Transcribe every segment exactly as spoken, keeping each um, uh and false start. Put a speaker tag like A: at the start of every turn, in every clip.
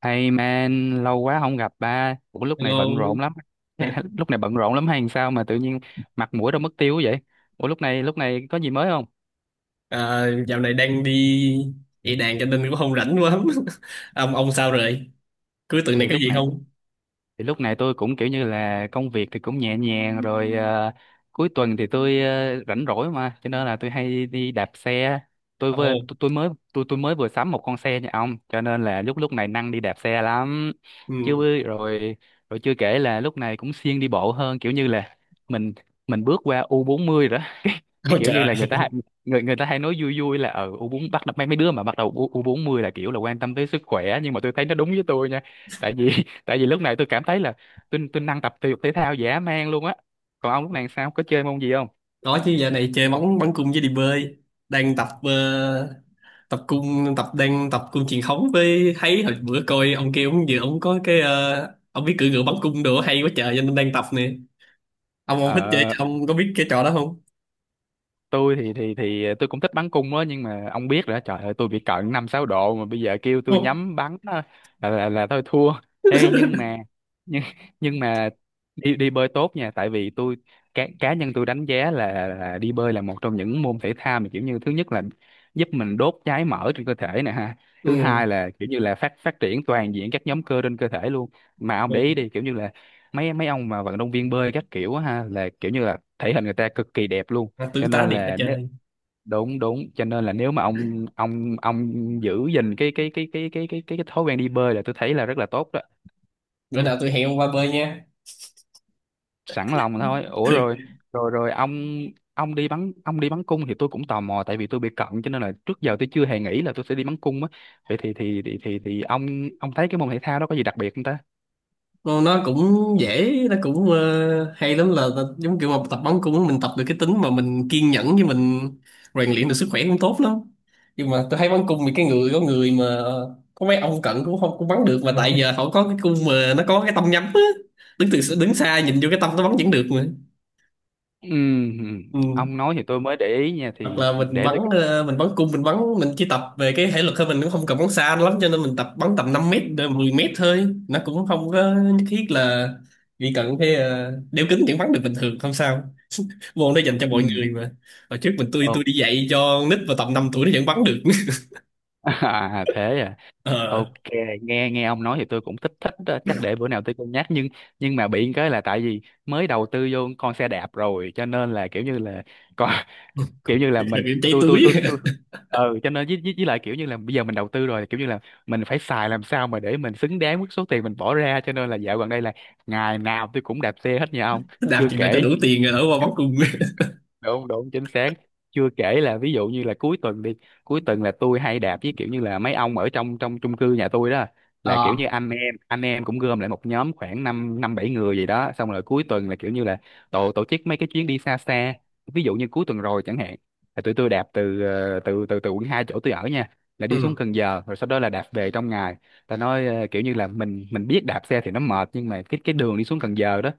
A: Hey man, lâu quá không gặp ba. Ủa lúc này bận
B: Hello.
A: rộn lắm. Lúc này bận rộn lắm hay sao mà tự nhiên mặt mũi đâu mất tiêu vậy? Ủa lúc này lúc này có gì mới không?
B: À, dạo này đang đi dạy đàn cho nên cũng không rảnh quá. Ông ông sao rồi? Cuối tuần này
A: Thì
B: có
A: lúc
B: gì
A: này
B: không?
A: thì lúc này tôi cũng kiểu như là công việc thì cũng nhẹ nhàng rồi ờ, cuối tuần thì tôi ờ, rảnh rỗi mà cho nên là tôi hay đi đạp xe tôi vừa
B: Ồ,
A: tôi, tôi mới tôi tôi mới vừa sắm một con xe nha ông cho nên là lúc lúc này năng đi đạp xe lắm
B: ừ.
A: chứ bư- rồi rồi chưa kể là lúc này cũng siêng đi bộ hơn kiểu như là mình mình bước qua u bốn mươi bốn mươi rồi đó cái
B: Ôi
A: kiểu
B: trời
A: như là người
B: ơi.
A: ta hay- người người ta hay nói vui vui là ở u bốn bắt đầu mấy mấy đứa mà bắt đầu U- bốn mươi là kiểu là quan tâm tới sức khỏe nhưng mà tôi thấy nó đúng với tôi nha tại vì tại vì lúc này tôi cảm thấy là tôi tôi năng tập thể dục thể thao dã man luôn á. Còn ông lúc này sao có chơi môn gì không?
B: Có chứ, dạo này chơi bóng, bắn cung với đi bơi. Đang tập ờ, tập cung tập đang tập cung truyền thống. Với thấy hồi bữa coi ông kia, ông vừa ông có cái ờ, ông biết cưỡi ngựa bắn cung đồ hay quá trời cho nên đang tập nè. Ông ông thích chơi
A: ờ
B: ông có biết cái trò đó không?
A: tôi thì thì thì ờ, tôi cũng thích bắn cung đó nhưng mà ông biết rồi đó, trời ơi, tôi bị cận năm sáu độ mà bây giờ kêu tôi
B: Không.
A: nhắm bắn á, là, là là thôi thua. Ê nhưng mà nhưng nhưng mà đi đi bơi tốt nha tại vì tôi cá cá nhân tôi đánh giá là, là đi bơi là một trong những môn thể thao mà kiểu như thứ nhất là giúp mình đốt cháy mỡ trên cơ thể nè ha, thứ
B: Ừ.
A: hai là kiểu như là phát phát triển toàn diện các nhóm cơ trên cơ thể luôn. Mà ông để
B: Ừ.
A: ý đi kiểu như là mấy mấy ông mà vận động viên bơi các kiểu á ha là kiểu như là thể hình người ta cực kỳ đẹp luôn
B: À,
A: cho
B: tướng tá
A: nên
B: đẹp quá
A: là nếu,
B: trời.
A: đúng đúng cho nên là nếu mà ông ông ông giữ gìn cái cái cái cái cái cái cái, cái thói quen đi bơi là tôi thấy là rất là tốt đó.
B: Bữa nào tôi hẹn ông qua bơi nha.
A: Sẵn lòng thôi. Ủa rồi rồi rồi ông ông đi bắn ông đi bắn cung thì tôi cũng tò mò tại vì tôi bị cận cho nên là trước giờ tôi chưa hề nghĩ là tôi sẽ đi bắn cung á. Vậy thì thì thì thì, thì ông ông thấy cái môn thể thao đó có gì đặc biệt không ta?
B: Nó nó cũng dễ, nó cũng ờ, hay lắm, là là giống kiểu mà tập bóng, cũng mình tập được cái tính mà mình kiên nhẫn, với mình rèn luyện được sức khỏe cũng tốt lắm. Nhưng mà tôi thấy bắn cung thì cái người có người mà có mấy ông cận cũng không cũng bắn được, mà tại giờ họ có cái cung mà nó có cái tông nhắm á, đứng từ đứng xa nhìn vô cái tông nó bắn vẫn được mà.
A: Ừm,
B: Ừ.
A: ông nói thì tôi mới để ý nha,
B: Hoặc
A: thì
B: là mình
A: để
B: bắn
A: tôi coi.
B: ờ, mình bắn cung mình bắn mình chỉ tập về cái thể lực thôi, mình cũng không cần bắn xa lắm cho nên mình tập bắn tầm năm mét đến mười mét thôi, nó cũng không có nhất thiết là, vì cần cái ờ, đeo kính vẫn bắn được bình thường không sao, môn đó dành cho mọi
A: Ừm.
B: người mà. Hồi trước mình, tôi
A: Ồ.
B: tôi đi dạy cho con nít vào tầm năm tuổi nó vẫn bắn được.
A: À, thế à.
B: Ờ.
A: Ok, nghe nghe ông nói thì tôi cũng thích thích đó. Chắc để bữa nào tôi cân nhắc nhưng nhưng mà bị cái là tại vì mới đầu tư vô con xe đạp rồi cho nên là kiểu như là còn kiểu như là mình
B: Đừng cháy
A: tôi tôi
B: túi.
A: tôi tôi ừ cho nên với, với, với lại kiểu như là bây giờ mình đầu tư rồi kiểu như là mình phải xài làm sao mà để mình xứng đáng với số tiền mình bỏ ra cho nên là dạo gần đây là ngày nào tôi cũng đạp xe hết nha ông.
B: Làm
A: Chưa
B: chuyện nào cho
A: kể
B: đủ tiền rồi đỡ qua bắn cung.
A: đúng đúng chính xác, chưa kể là ví dụ như là cuối tuần đi, cuối tuần là tôi hay đạp với kiểu như là mấy ông ở trong trong chung cư nhà tôi đó, là kiểu
B: Ờ.
A: như anh em anh em cũng gom lại một nhóm khoảng năm năm bảy người gì đó xong rồi cuối tuần là kiểu như là tổ tổ chức mấy cái chuyến đi xa xa. Ví dụ như cuối tuần rồi chẳng hạn là tụi tôi đạp từ ờ, từ từ từ quận hai chỗ tôi ở nha là đi xuống
B: Ừ.
A: Cần Giờ rồi sau đó là đạp về trong ngày. Ta nói ờ, kiểu như là mình mình biết đạp xe thì nó mệt nhưng mà cái cái đường đi xuống Cần Giờ đó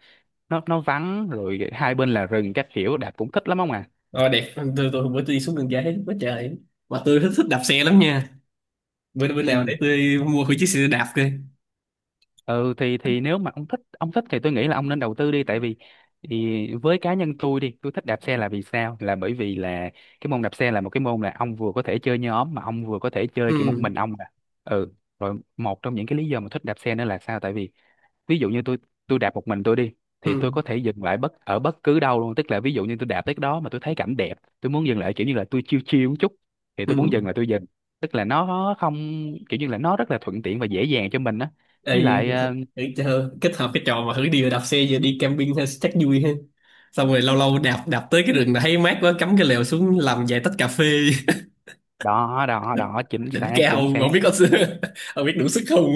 A: nó nó vắng rồi hai bên là rừng các kiểu đạp cũng thích lắm không ạ.
B: Ờ, đẹp. Tôi tôi bữa tôi đi xuống đường giải thấy quá trời, mà tôi thích, thích đạp xe lắm nha. Bữa bữa nào
A: Ừ.
B: để tôi mua thử chiếc xe đạp coi.
A: Ừ thì thì nếu mà ông thích ông thích thì tôi nghĩ là ông nên đầu tư đi tại vì thì với cá nhân tôi đi, tôi thích đạp xe là vì sao, là bởi vì là cái môn đạp xe là một cái môn là ông vừa có thể chơi nhóm mà ông vừa có thể chơi kiểu một
B: Ừ.
A: mình ông nè. Ừ rồi một trong những cái lý do mà thích đạp xe nữa là sao, tại vì ví dụ như tôi tôi đạp một mình tôi đi thì tôi
B: Ừ.
A: có thể dừng lại bất ở bất cứ đâu luôn, tức là ví dụ như tôi đạp tới cái đó mà tôi thấy cảnh đẹp, tôi muốn dừng lại kiểu như là tôi chill chill một chút thì
B: Ừ.
A: tôi muốn dừng là tôi dừng, tức là nó không kiểu như là nó rất là thuận tiện và dễ dàng cho mình á.
B: Ê,
A: Với
B: vậy
A: lại
B: thì thử
A: ờ,
B: chơi kết hợp cái trò mà thử đi đạp xe, giờ đi camping hay chắc vui ha, xong rồi lâu lâu đạp đạp tới cái rừng này thấy mát quá, cắm cái lều xuống làm vài tách cà phê.
A: đó đó đó chính
B: Đỉnh
A: xác chính
B: cao.
A: xác
B: Không biết có, không biết đủ sức không.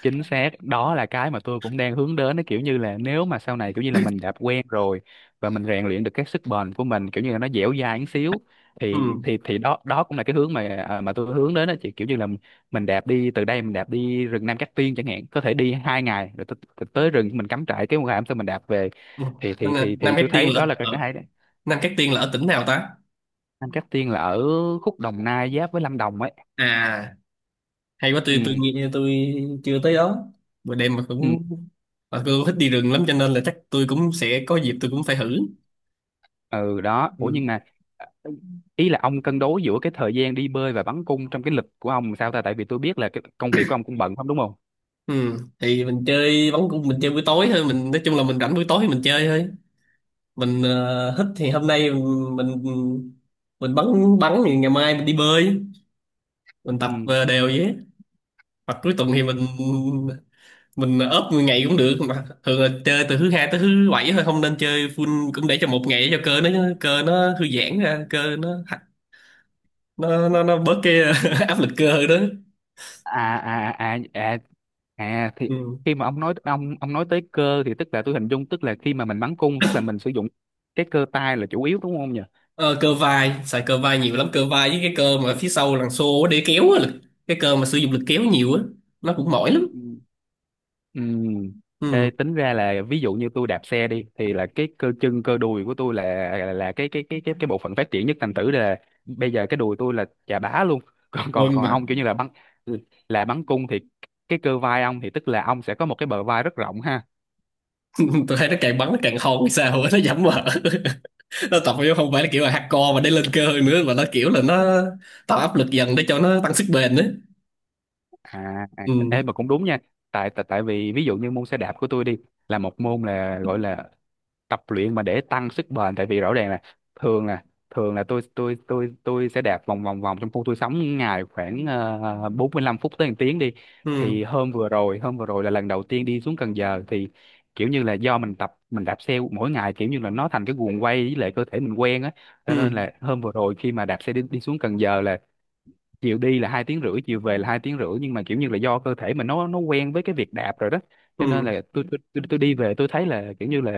A: chính xác đó là cái mà tôi cũng đang hướng đến. Nó kiểu như là nếu mà sau này kiểu như là mình đã quen rồi và mình rèn luyện được cái sức bền của mình kiểu như là nó dẻo dai một xíu
B: Ừ.
A: thì thì thì đó đó cũng là cái hướng mà à, mà tôi hướng đến đó chị, kiểu như là mình đạp đi từ đây mình đạp đi rừng Nam Cát Tiên chẳng hạn, có thể đi hai ngày rồi tới, tới rừng mình cắm trại cái ngày hôm sau mình đạp về
B: Ừ.
A: thì
B: Anh-
A: thì
B: à,
A: thì
B: Nam
A: thì
B: Cát
A: tôi
B: Tiên
A: thấy
B: là
A: đó là cái cái
B: ở,
A: hay đấy.
B: Nam Cát Tiên là ở tỉnh nào ta?
A: Nam Cát Tiên là ở khúc Đồng Nai giáp với Lâm Đồng ấy.
B: À, hay quá. tôi tôi
A: Ừ.
B: nghe tôi chưa tới đó, bữa đêm mà cũng,
A: Ừ.
B: mà tôi cũng thích đi rừng lắm cho nên là chắc tôi cũng sẽ có dịp, tôi cũng phải thử.
A: Ừ đó. Ủa
B: Ừ.
A: nhưng mà ờ, ý là ông cân đối giữa cái thời gian đi bơi và bắn cung trong cái lịch của ông sao ta, tại vì tôi biết là cái công việc của ông cũng bận không đúng không?
B: Ừ, thì mình chơi bắn cung mình chơi buổi tối thôi, mình nói chung là mình rảnh buổi tối thì mình chơi thôi. Mình, uh, thích thì hôm nay mình mình, mình bắn, bắn thì ngày mai mình đi bơi. Mình
A: Ừ.
B: tập ờ, đều vậy á. Hoặc cuối tuần thì mình mình ốp mười ngày cũng được, mà thường là chơi từ thứ hai tới thứ bảy thôi, không nên chơi full, cũng để cho một ngày để cho cơ nó cơ nó thư giãn ra, cơ nó nó nó, nó bớt cái áp lực cơ đó.
A: À à à à, à thì
B: Ừ.
A: khi mà ông nói ông ông nói tới cơ thì tức là tôi hình dung tức là khi mà mình bắn cung tức là mình sử dụng cái cơ tay là chủ yếu, đúng không nhỉ?
B: Ờ, cơ vai, xài cơ vai nhiều lắm, cơ vai với cái cơ mà phía sau đằng xô á, để kéo á lực, cái cơ mà sử dụng lực kéo nhiều á, nó cũng mỏi lắm.
A: Ừ. Ừ.
B: Ừ.
A: Ê, tính ra là ví dụ như tôi đạp xe đi thì là cái cơ chân cơ đùi của tôi là là, là cái cái cái cái cái bộ phận phát triển nhất, thành thử là bây giờ cái đùi tôi là chà bá luôn còn còn
B: Ôi
A: còn
B: mà
A: ông kiểu như là bắn là bắn cung thì cái cơ vai ông thì tức là ông sẽ có một cái bờ vai rất rộng ha.
B: tôi thấy nó càng bắn nó càng hôn hay sao á, nó giảm mỡ. Nó tập vô không phải là kiểu là hardcore mà để lên cơ nữa, mà nó kiểu là nó tạo áp lực dần để cho nó tăng sức bền nữa.
A: À, à,
B: Ừ.
A: ê, mà cũng đúng nha, tại tại tại vì ví dụ như môn xe đạp của tôi đi là một môn là gọi là tập luyện mà để tăng sức bền tại vì rõ ràng là thường là thường là tôi tôi tôi tôi sẽ đạp vòng vòng vòng trong khu tôi sống ngày khoảng ờ, bốn mươi lăm phút tới một tiếng đi,
B: Ừ.
A: thì hôm vừa rồi hôm vừa rồi là lần đầu tiên đi xuống Cần Giờ thì kiểu như là do mình tập mình đạp xe mỗi ngày kiểu như là nó thành cái guồng quay với lại cơ thể mình quen á cho
B: Ừ.
A: nên là hôm vừa rồi khi mà đạp xe đi, đi xuống Cần Giờ là chiều đi là hai tiếng rưỡi chiều về là hai tiếng rưỡi nhưng mà kiểu như là do cơ thể mình nó nó quen với cái việc đạp rồi đó cho nên
B: Ừ.
A: là tôi tôi tôi, tôi đi về tôi thấy là kiểu như là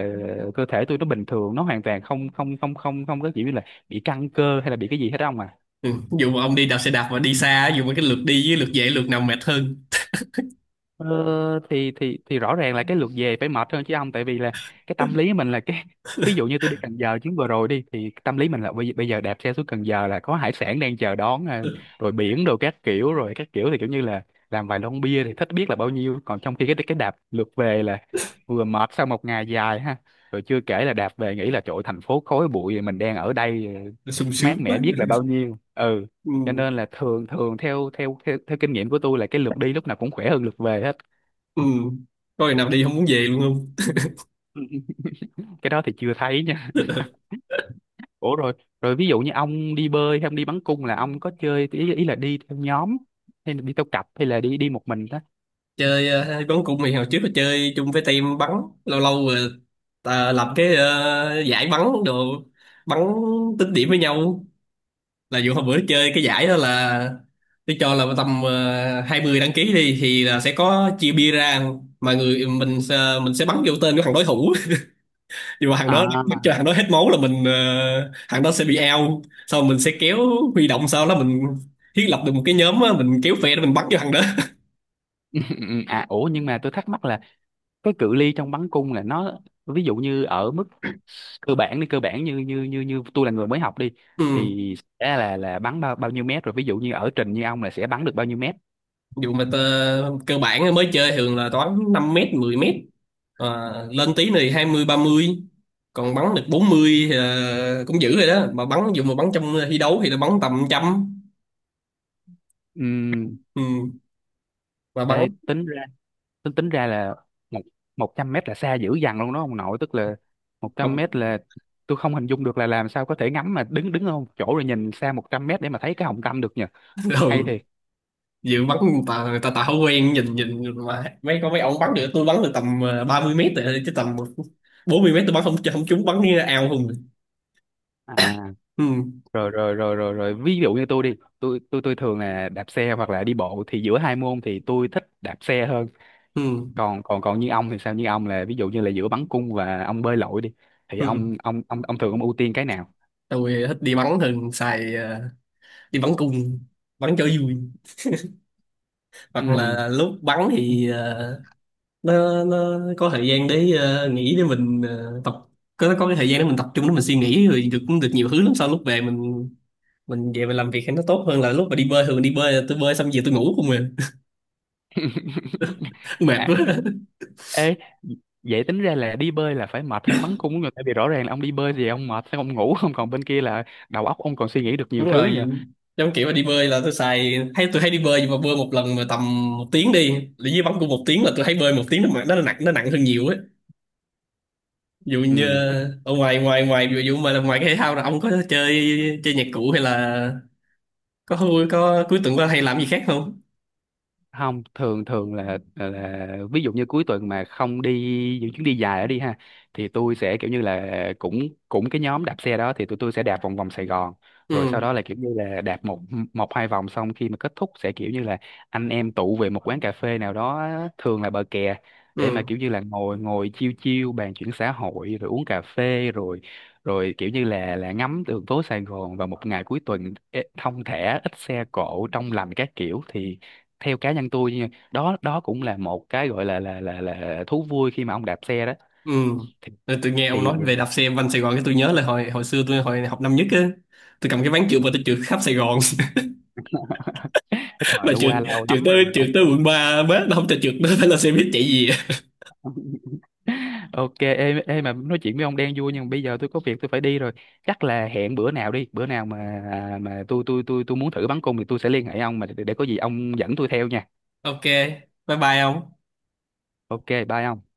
A: cơ thể tôi nó bình thường, nó hoàn toàn không không không không không có kiểu như là bị căng cơ hay là bị cái gì hết ông à.
B: Ừ. Dù mà ông đi đạp xe đạp mà đi xa, dù mà cái lượt đi với lượt về, lượt nào mệt hơn?
A: Ờ, thì thì thì rõ ràng là cái lượt về phải mệt hơn chứ ông, tại vì là cái tâm lý mình là cái ví dụ như tôi đi Cần Giờ chuyến vừa rồi đi thì tâm lý mình là bây, bây giờ đạp xe xuống Cần Giờ là có hải sản đang chờ đón à, rồi biển đồ các kiểu rồi các kiểu thì kiểu như là làm vài lon bia thì thích biết là bao nhiêu, còn trong khi cái cái đạp lượt về là vừa mệt sau một ngày dài ha, rồi chưa kể là đạp về nghĩ là trời ơi, thành phố khói bụi mình đang ở đây ờ,
B: Sung
A: mát
B: sướng
A: mẻ
B: quá.
A: biết là bao nhiêu ừ,
B: Ừ.
A: cho nên là thường thường theo theo theo, theo kinh nghiệm của tôi là cái lượt đi lúc nào cũng khỏe hơn lượt về hết.
B: Ừ. Có ngày nào đi không muốn về luôn không?
A: Cái đó thì chưa thấy nha. Ủa rồi rồi ví dụ như ông đi bơi hay ông đi bắn cung là ông có chơi ý, ý là đi theo nhóm hay là đi theo cặp hay là đi đi một mình đó?
B: Chơi ờ, bắn cung thì hồi trước là chơi chung với team bắn, lâu lâu rồi ta lập cái ờ, giải bắn đồ, bắn tính điểm với nhau. Là dù hôm bữa chơi cái giải đó là, tôi cho là tầm ờ, hai mươi đăng ký đi, thì là sẽ có chia bia ra, mà người mình sẽ- mình sẽ bắn vô tên của thằng đối thủ. Nhưng mà thằng đó bắn
A: À.
B: cho thằng đó hết máu là mình ờ, thằng đó sẽ bị out. Sau mình sẽ kéo huy động, sau đó mình thiết lập được một cái nhóm á, mình kéo phe để mình bắn cho thằng đó.
A: Ừ, ừ, à ủa nhưng mà tôi thắc mắc là cái cự ly trong bắn cung là nó ví dụ như ở mức cơ bản đi, cơ bản như như như như tôi là người mới học đi
B: Ừ.
A: thì sẽ là là bắn bao bao nhiêu mét, rồi ví dụ như ở trình như ông là sẽ bắn được bao nhiêu mét?
B: Dù mà tơ, cơ bản mới chơi thường là toán năm mét mười mét, à, lên tí này hai mươi, ba mươi, còn bắn được bốn mươi thì ờ, cũng dữ rồi đó. Mà bắn dù mà bắn trong thi đấu thì nó bắn tầm trăm.
A: Ừm,
B: Ừ. Mà
A: ê,
B: bắn
A: tính ra tính tính ra là một một trăm mét là xa dữ dằn luôn đó ông nội, tức là một trăm
B: không.
A: mét là tôi không hình dung được là làm sao có thể ngắm mà đứng đứng ở một chỗ rồi nhìn xa một trăm mét để mà thấy cái hồng tâm được nhỉ.
B: Ừ.
A: Hay thiệt.
B: Dự bắn người ta, người ta, ta không quen nhìn, nhìn mà mấy, có mấy ông bắn được, tôi bắn được tầm à, ba mươi mét rồi, chứ tầm bốn mươi mét tôi bắn không, không trúng bắn như ao không.
A: À
B: Ừ.
A: rồi rồi rồi rồi rồi ví dụ như tôi đi tôi tôi tôi thường là đạp xe hoặc là đi bộ thì giữa hai môn thì tôi thích đạp xe hơn,
B: Ừ.
A: còn còn còn như ông thì sao, như ông là ví dụ như là giữa bắn cung và ông bơi lội đi thì
B: Ừ.
A: ông ông ông ông thường ông ưu tiên cái nào?
B: Tôi thích đi bắn, thường xài ờ, đi bắn cung bắn cho vui, hoặc Ừ.
A: Ừ.
B: là lúc bắn thì ờ, nó nó có thời gian để ờ, nghỉ, để mình ờ, tập, có có cái thời gian để mình tập trung để mình suy nghĩ rồi được cũng được nhiều thứ lắm. Sau lúc về mình mình về mình làm việc thì nó tốt hơn. Là lúc mà đi bơi, thường đi bơi là tôi bơi xong về tôi ngủ không mà. Mệt
A: À,
B: quá.
A: ê vậy tính ra là đi bơi là phải mệt hơn bắn cung của người tại vì rõ ràng là ông đi bơi thì ông mệt sẽ ông ngủ không, còn bên kia là đầu óc ông còn suy nghĩ được
B: Đúng
A: nhiều thứ
B: rồi.
A: nhờ.
B: Trong kiểu mà đi bơi là tôi xài hay tôi hay đi bơi, nhưng mà bơi một lần mà tầm một tiếng đi, là dưới bắn của một tiếng, là tôi thấy bơi một tiếng nó mà- nó nặng, nó nặng hơn nhiều ấy. Ví dụ
A: Ừ
B: như ờ, ở ngoài ngoài ngoài ví dụ mà là ngoài cái thể thao là ông có chơi chơi nhạc cụ hay là có vui, có cuối tuần qua hay làm gì khác không?
A: không, thường thường là là ví dụ như cuối tuần mà không đi những chuyến đi dài đó đi ha thì tôi sẽ kiểu như là cũng cũng cái nhóm đạp xe đó thì tụi tôi sẽ đạp vòng vòng Sài Gòn rồi sau
B: Ừ.
A: đó là kiểu như là đạp một một hai vòng xong khi mà kết thúc sẽ kiểu như là anh em tụ về một quán cà phê nào đó, thường là bờ kè, để mà
B: Ừ.
A: kiểu như là ngồi ngồi chiêu chiêu bàn chuyện xã hội rồi uống cà phê rồi rồi kiểu như là là ngắm đường phố Sài Gòn vào một ngày cuối tuần ế, thong thả ít xe cộ trong lành các kiểu thì theo cá nhân tôi nha, đó đó cũng là một cái gọi là là là là thú vui khi mà ông đạp xe đó
B: Ừ.
A: thì,
B: Rồi tôi nghe ông
A: thì.
B: nói về đạp xe quanh Sài Gòn cái tôi nhớ là hồi hồi xưa tôi hồi học năm nhất á, tôi cầm cái ván trượt
A: Ừ.
B: mà tôi trượt khắp Sài Gòn.
A: Cái thời
B: Mà
A: đã
B: trượt,
A: qua lâu
B: trượt
A: lắm
B: tới
A: rồi
B: trượt
A: ông
B: tới
A: ơi.
B: quận ba bế nó không cho trượt, nó phải là xe buýt chạy gì.
A: Ok, ê, ê mà nói chuyện với ông đang vui nhưng mà bây giờ tôi có việc tôi phải đi rồi, chắc là hẹn bữa nào đi, bữa nào mà à, mà tôi tôi tôi tôi muốn thử bắn cung thì tôi sẽ liên hệ ông mà để, để có gì ông dẫn tôi theo nha.
B: Ok, bye bye ông.
A: Ok bye ông.